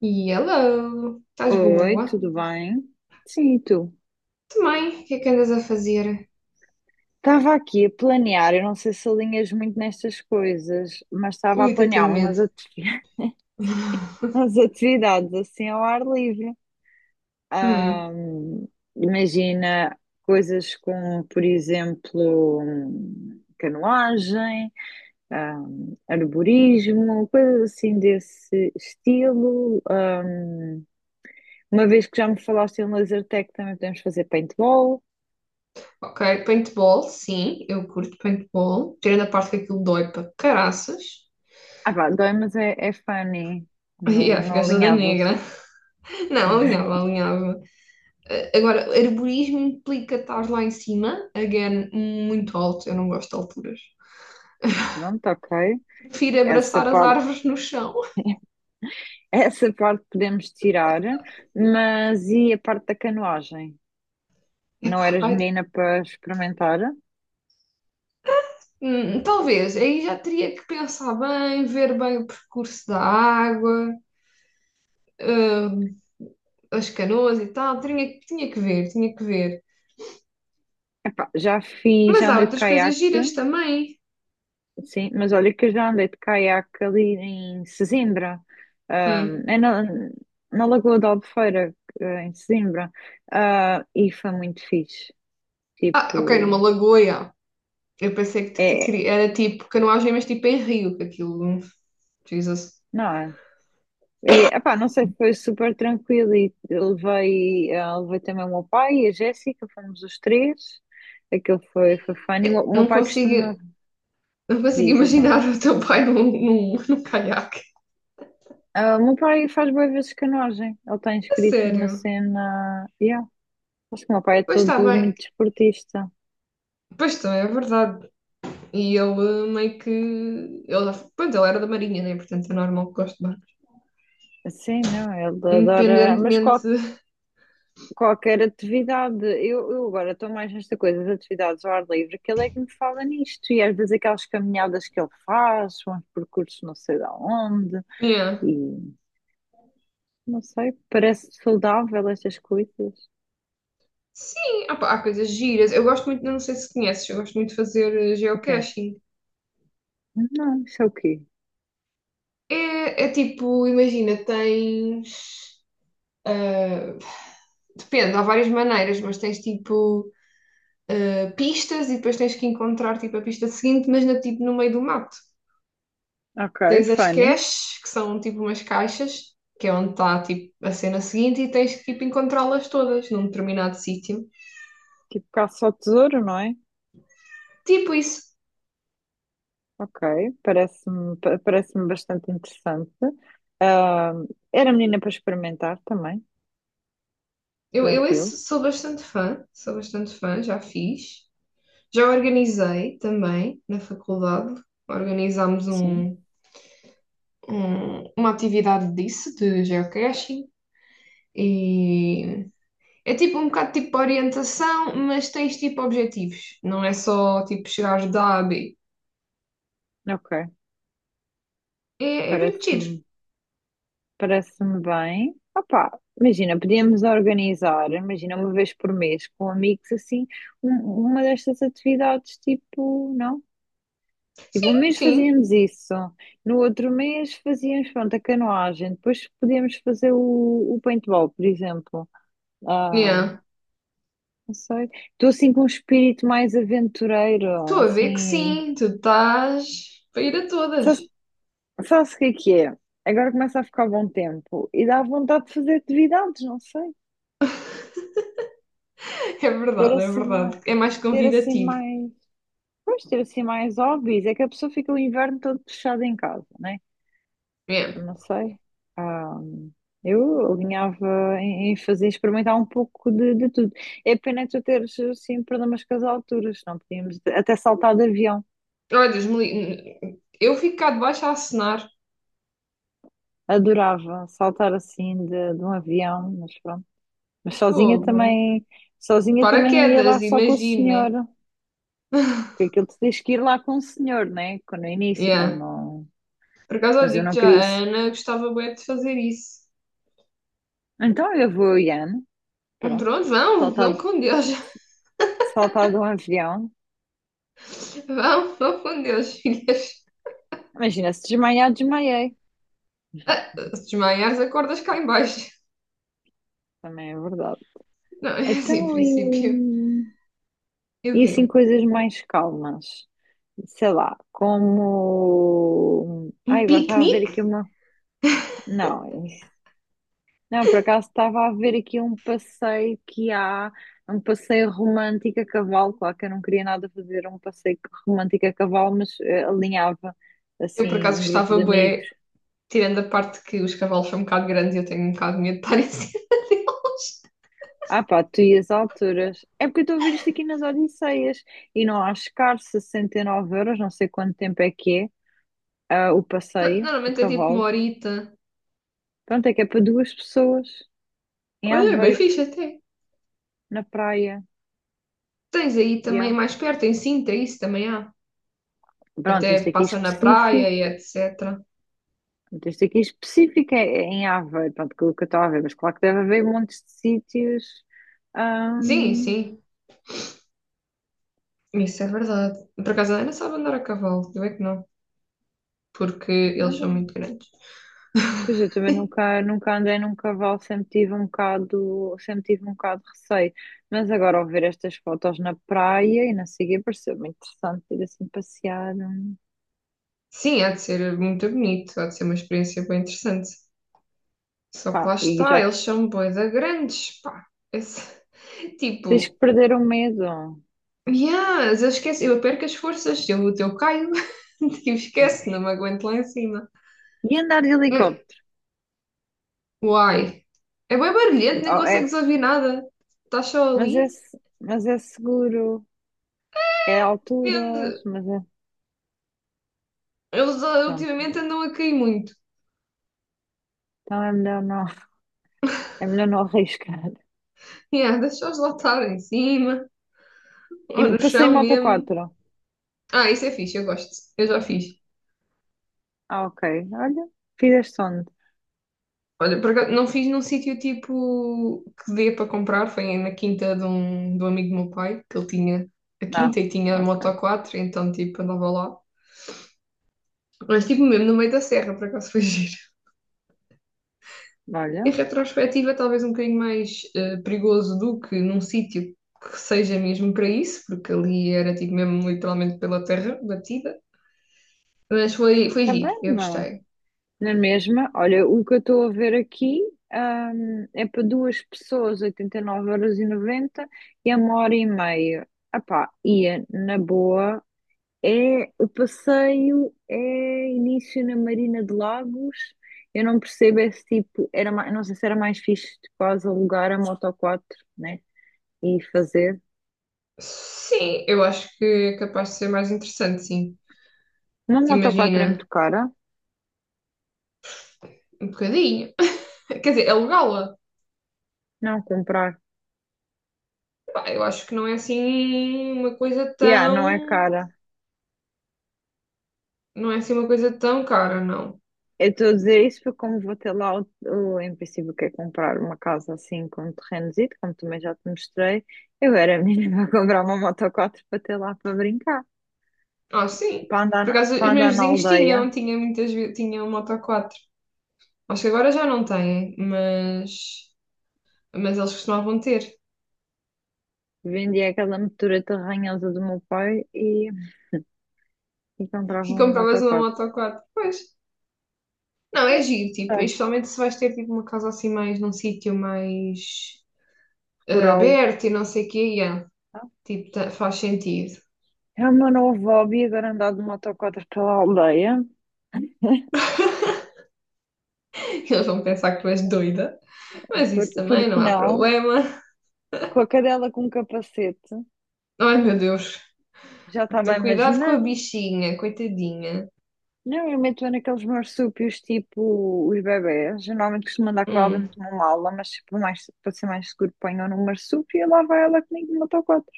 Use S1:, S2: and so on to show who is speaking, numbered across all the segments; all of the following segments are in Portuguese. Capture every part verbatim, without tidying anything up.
S1: Hello, estás
S2: Oi,
S1: boa?
S2: tudo bem? Sim, e tu?
S1: Também, o que é que andas a fazer?
S2: Estava aqui a planear, eu não sei se alinhas muito nestas coisas, mas estava a
S1: Ui, até
S2: planear
S1: tenho
S2: umas,
S1: medo.
S2: ati- umas atividades assim ao ar livre.
S1: Hum,
S2: Ahm, imagina coisas como, por exemplo, hum, canoagem, ahm, arborismo, coisas assim desse estilo. Ahm, uma vez que já me falaste em laser tag, também podemos fazer paintball.
S1: ok, paintball, sim, eu curto paintball. Tirando a parte que aquilo dói para caraças.
S2: Ah, vá, dói, mas é, é funny. Não,
S1: Yeah,
S2: não
S1: ficaste toda
S2: alinhava-se.
S1: negra. Não, alinhava, alinhava. Eh, Agora, arborismo implica estar lá em cima, again, muito alto, eu não gosto de alturas.
S2: Pronto, ok.
S1: Prefiro
S2: Essa
S1: abraçar as
S2: parte,
S1: árvores no chão.
S2: essa parte podemos tirar, mas e a parte da canoagem?
S1: Epá,
S2: Não eras
S1: vai-
S2: menina para experimentar?
S1: hum, talvez, aí já teria que pensar bem, ver bem o percurso da água. ah, as canoas e tal, tinha, tinha que ver, tinha que ver.
S2: Epá, já fiz,
S1: Mas
S2: já
S1: há
S2: andei de
S1: outras coisas
S2: caiaque,
S1: giras também.
S2: sim, mas olha que eu já andei de caiaque ali em Sesimbra, ah,
S1: Hum.
S2: é na, na Lagoa da Albufeira, eh, em Sesimbra. Ah, e foi muito fixe.
S1: Ah, ok, numa
S2: Tipo,
S1: lagoa, já. Eu pensei que, que
S2: é,
S1: queria- era tipo canoagem, mas tipo em rio, que aquilo. Hum, Jesus.
S2: não é? E, epá, não sei, foi super tranquilo e eu levei, eh, levei também o meu pai e a Jéssica, fomos os três, aquilo foi, foi fun, e o meu o meu
S1: Não
S2: pai
S1: consigo,
S2: costuma,
S1: não consigo
S2: diz então.
S1: imaginar o teu pai num, num, num caiaque.
S2: Ah, o meu pai faz boas vezes canoagem, ele está
S1: A
S2: inscrito numa
S1: sério.
S2: cena, yeah. Acho que o meu pai é
S1: Pois está
S2: todo
S1: bem.
S2: muito desportista,
S1: Pois está, é verdade. E ele eh, meio que. Ele, já- pronto, ele era da Marinha, né? Portanto é normal que goste de barco.
S2: assim não, ele adora, mas qual-
S1: Independentemente.
S2: qualquer atividade, eu, eu agora estou mais nesta coisa, as atividades ao ar livre, que ele é que me fala nisto, e às vezes aquelas caminhadas que ele faz, uns percursos não sei de onde.
S1: Yeah.
S2: E não sei, parece saudável estas coisas.
S1: Sim, ah pá, há coisas giras. Eu gosto muito, não sei se conheces, eu gosto muito de fazer eh,
S2: Ok.
S1: geocaching.
S2: Não, isso é o quê?
S1: É, é tipo, imagina, tens. eh, Depende, há várias maneiras, mas tens tipo eh, pistas e depois tens que encontrar tipo a pista seguinte, mas na, tipo, no meio do mato.
S2: Ok,
S1: Tens as
S2: funny.
S1: caches, que são tipo umas caixas, que é onde está tipo a cena seguinte, e tens que tipo encontrá-las todas num determinado sítio.
S2: Tipo caça ao tesouro, não é?
S1: Tipo isso.
S2: Ok, parece-me pa- parece-me bastante interessante. Ah, era menina para experimentar também,
S1: Eu, eu
S2: tranquilo.
S1: esse sou bastante fã, sou bastante fã, já fiz. Já organizei também na faculdade, organizámos
S2: Sim.
S1: um, um- uma atividade disso, de geocaching, e é tipo um bocado tipo orientação, mas tens tipo objetivos, não é só tipo chegares da A a B.
S2: Ok,
S1: É, é bem giro.
S2: parece-me parece-me bem. Opá, imagina, podíamos organizar, imagina, uma vez por mês com amigos assim, um- uma destas atividades, tipo, não? Tipo, um mês
S1: Sim,
S2: fazíamos isso, no outro mês fazíamos, pronto, a canoagem, depois podíamos fazer o, o paintball, por exemplo. Ah,
S1: yeah.
S2: não sei. Estou assim com um espírito mais aventureiro,
S1: Estou a ver que
S2: assim.
S1: sim, tu estás para ir a todas.
S2: Sabe- Sabe-se o que é que é? Agora começa a ficar bom tempo e dá vontade de fazer atividades, não sei.
S1: É
S2: Ter
S1: verdade, é
S2: assim
S1: verdade.
S2: mais,
S1: É mais
S2: ter assim
S1: convidativo.
S2: mais, pois, ter assim mais hobbies. É que a pessoa fica o inverno todo fechada em casa, né?
S1: Yeah.
S2: Não sei. Ah, eu alinhava em, em fazer, experimentar um pouco de, de tudo. É pena tu teres, assim, problemas com as alturas, não podíamos até saltar de avião.
S1: Olha, Deus me li- eu fico cá debaixo a acenar.
S2: Adorava saltar assim de, de um avião, mas pronto. Mas sozinha
S1: Fogo.
S2: também, sozinha também não ia lá
S1: Paraquedas,
S2: só com o
S1: imagino,
S2: senhor,
S1: né?
S2: porque aquilo tu tens que ir lá com o senhor, né? Quando no início, quando
S1: Yeah.
S2: não.
S1: Por acaso, eu
S2: Mas eu
S1: digo
S2: não
S1: já,
S2: queria
S1: a
S2: isso.
S1: Ana gostava bem de fazer isso.
S2: Então eu vou, Ian, pronto,
S1: Pronto, vão,
S2: saltar,
S1: vão com Deus.
S2: saltar de um avião.
S1: Vão, vão com Deus, filhas.
S2: Imagina, se desmaiar, desmaiei.
S1: Ah, se desmaiares, acordas cá em baixo.
S2: Também é verdade.
S1: Não, é assim, em
S2: Então,
S1: princípio.
S2: e,
S1: E o
S2: e
S1: quê?
S2: assim, coisas mais calmas. Sei lá, como. Ai,
S1: Um
S2: agora estava a ver
S1: piquenique?
S2: aqui uma. Não, isso- não, por acaso estava a ver aqui um passeio que há, um passeio romântico a cavalo. Claro que eu não queria nada fazer um passeio romântico a cavalo, mas eh, alinhava
S1: Eu, por
S2: assim
S1: acaso,
S2: um grupo
S1: gostava
S2: de amigos.
S1: bué, tirando a parte que os cavalos são um bocado grandes e eu tenho um bocado de medo de estar em cima.
S2: Ah pá, tu e as alturas. É porque eu estou a ver isto aqui nas Odisseias e não há escasso, sessenta e nove euros, não sei quanto tempo é que é. Ah, o passeio a
S1: Normalmente é tipo uma
S2: cavalo.
S1: horita.
S2: Pronto, é que é para duas pessoas em
S1: Olha, é bem
S2: Aveiro,
S1: fixe até.
S2: na praia.
S1: Tens aí também
S2: Yeah.
S1: mais perto, em Sintra, isso também há.
S2: Pronto,
S1: Até
S2: este aqui
S1: passa na praia
S2: específico.
S1: e etecetera.
S2: Pronto, este aqui específico é é em Aveiro, pronto, que eu que eu estou a ver, mas claro que deve haver montes de sítios.
S1: Sim,
S2: Ahm,
S1: sim, isso é verdade. Por acaso a Ana sabe andar a cavalo, eu é que não, porque eles
S2: olha,
S1: são muito grandes.
S2: pois eu também nunca, nunca andei num cavalo, sempre tive um bocado, sempre tive um bocado de receio. Mas agora ao ver estas fotos na praia e na seguir pareceu-me interessante ir assim passear.
S1: Sim, há de ser muito bonito, há de ser uma experiência bem interessante. Só que
S2: Pá,
S1: lá
S2: e
S1: está,
S2: já que
S1: eles são bué da grandes, pá. Esse- tipo,
S2: tens que perder o medo.
S1: yes, eu esqueço, eu perco as forças, eu, eu caio, tipo, esquece, não me aguento lá em cima.
S2: E andar de
S1: Hum,
S2: helicóptero?
S1: Uai, é bem barulhento, nem
S2: Oh, é,
S1: consegues ouvir nada. Estás só
S2: mas é,
S1: ali.
S2: se- mas é seguro, é alturas,
S1: Depende.
S2: mas é.
S1: Eles ah,
S2: Pronto.
S1: ultimamente andam a cair muito.
S2: Então é melhor não, é melhor não arriscar.
S1: Yeah, deixa-os lá estar em cima,
S2: E
S1: ou no
S2: passei
S1: chão
S2: em moto
S1: mesmo.
S2: quatro.
S1: Ah, isso é fixe, eu gosto. Eu já fiz.
S2: Ah, ok. Olha, fizeste onde?
S1: Olha, por acaso, não fiz num sítio tipo que dê para comprar, foi na quinta de um, de um amigo do meu pai, que ele tinha a
S2: Não.
S1: quinta e tinha a
S2: Ok.
S1: Moto quatro, então tipo andava lá. Mas tipo mesmo no meio da serra, por acaso foi giro.
S2: Olha,
S1: Em retrospectiva, talvez um bocadinho mais eh, perigoso do que num sítio que seja mesmo para isso, porque ali era tipo mesmo literalmente pela terra batida. Mas foi, foi giro,
S2: também
S1: eu
S2: não.
S1: gostei.
S2: É. Na mesma, olha, o que eu estou a ver aqui, hum, é para duas pessoas, oitenta e nove euros e e noventa a uma hora e meia. Ah pá, ia na boa. É, o passeio é início na Marina de Lagos. Eu não percebo esse tipo. Era, ma- não sei se era mais fixe de quase alugar a Moto quatro, né? E fazer.
S1: Sim, eu acho que é capaz de ser mais interessante, sim.
S2: Uma Moto quatro
S1: Imagina,
S2: é muito cara.
S1: um bocadinho. Quer dizer, alugá-la.
S2: Não comprar.
S1: Pá, eu acho que não é assim uma coisa
S2: Yeah, não é
S1: tão.
S2: cara.
S1: Não é assim uma coisa tão cara, não.
S2: Eu estou a dizer isso porque, como vou ter lá, o, o, em princípio, que é comprar uma casa assim com terrenozito, como também já te mostrei, eu era menina a comprar uma Moto quatro para ter lá para brincar,
S1: Ah, sim.
S2: para andar,
S1: Por
S2: na-
S1: acaso,
S2: para
S1: os meus
S2: andar na
S1: vizinhos
S2: aldeia.
S1: tinham, tinham muitas vezes, tinham um Moto quatro. Acho que agora já não têm, mas. Mas eles costumavam ter.
S2: Vendia aquela motoreta ranhosa do meu pai e, e
S1: E
S2: comprava um
S1: compravas uma
S2: motociclo.
S1: Moto quatro, pois. Não, é giro, tipo,
S2: É,
S1: especialmente se vais ter tipo uma casa assim mais num sítio mais
S2: rural.
S1: aberto e não sei o quê, e, ah,
S2: Tá?
S1: tipo, ta- faz sentido.
S2: É o meu novo hobby, agora andar de motociclo pela aldeia.
S1: Eles vão pensar que tu és doida, mas
S2: Por,
S1: isso
S2: por
S1: também não
S2: que
S1: há
S2: não?
S1: problema.
S2: Com a cadela com um capacete.
S1: Ai, meu Deus,
S2: Já estava a
S1: tem cuidado com a
S2: imaginar.
S1: bichinha, coitadinha.
S2: Não, eu meto naqueles marsúpios tipo os bebés. Geralmente costumo andar com ela
S1: Hum,
S2: dentro de uma mala, mas tipo, mais, para ser mais seguro, ponho no marsúpio e lá vai ela comigo de motociclo.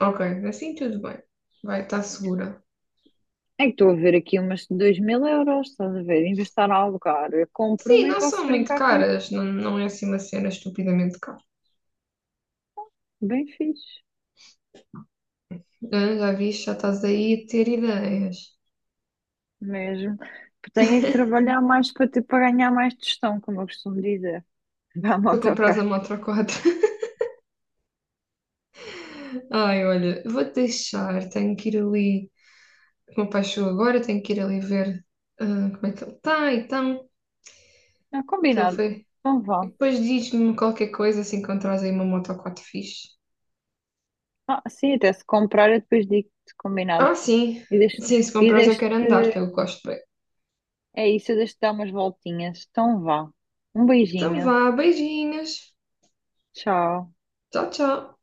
S1: ok, assim tudo bem. Vai, está segura.
S2: É que estou a ver aqui umas de dois mil euros, estás a ver? Em vez de estar a alugar, eu compro
S1: Sim,
S2: uma e
S1: não
S2: posso
S1: são muito
S2: brincar quando
S1: caras, não, não é assim uma cena estupidamente cara.
S2: bem fixe,
S1: Ah, já viste, já estás aí a ter ideias.
S2: mesmo. Porque tenho é que trabalhar mais para ter, para ganhar mais tostão, como eu costumo dizer. Vá
S1: Para comprares a
S2: motocar.
S1: moto a quatro. Ai, olha, vou deixar, tenho que ir ali. O meu pai chegou agora, tenho que ir ali ver ah, como é que ele está, então
S2: Ah,
S1: que ele
S2: combinado.
S1: foi.
S2: Então
S1: E
S2: vá.
S1: depois diz-me qualquer coisa se encontrares aí uma moto quatro fixe.
S2: Ah, sim, até se comprar eu depois digo-te, combinado.
S1: Ah, sim.
S2: E deixo,
S1: Sim, se
S2: e
S1: comprares eu
S2: deixo
S1: quero andar, que eu gosto bem.
S2: é isso, eu deixo-te dar umas voltinhas. Então vá. Um
S1: Então
S2: beijinho.
S1: vá, beijinhos.
S2: Tchau.
S1: Tchau, tchau.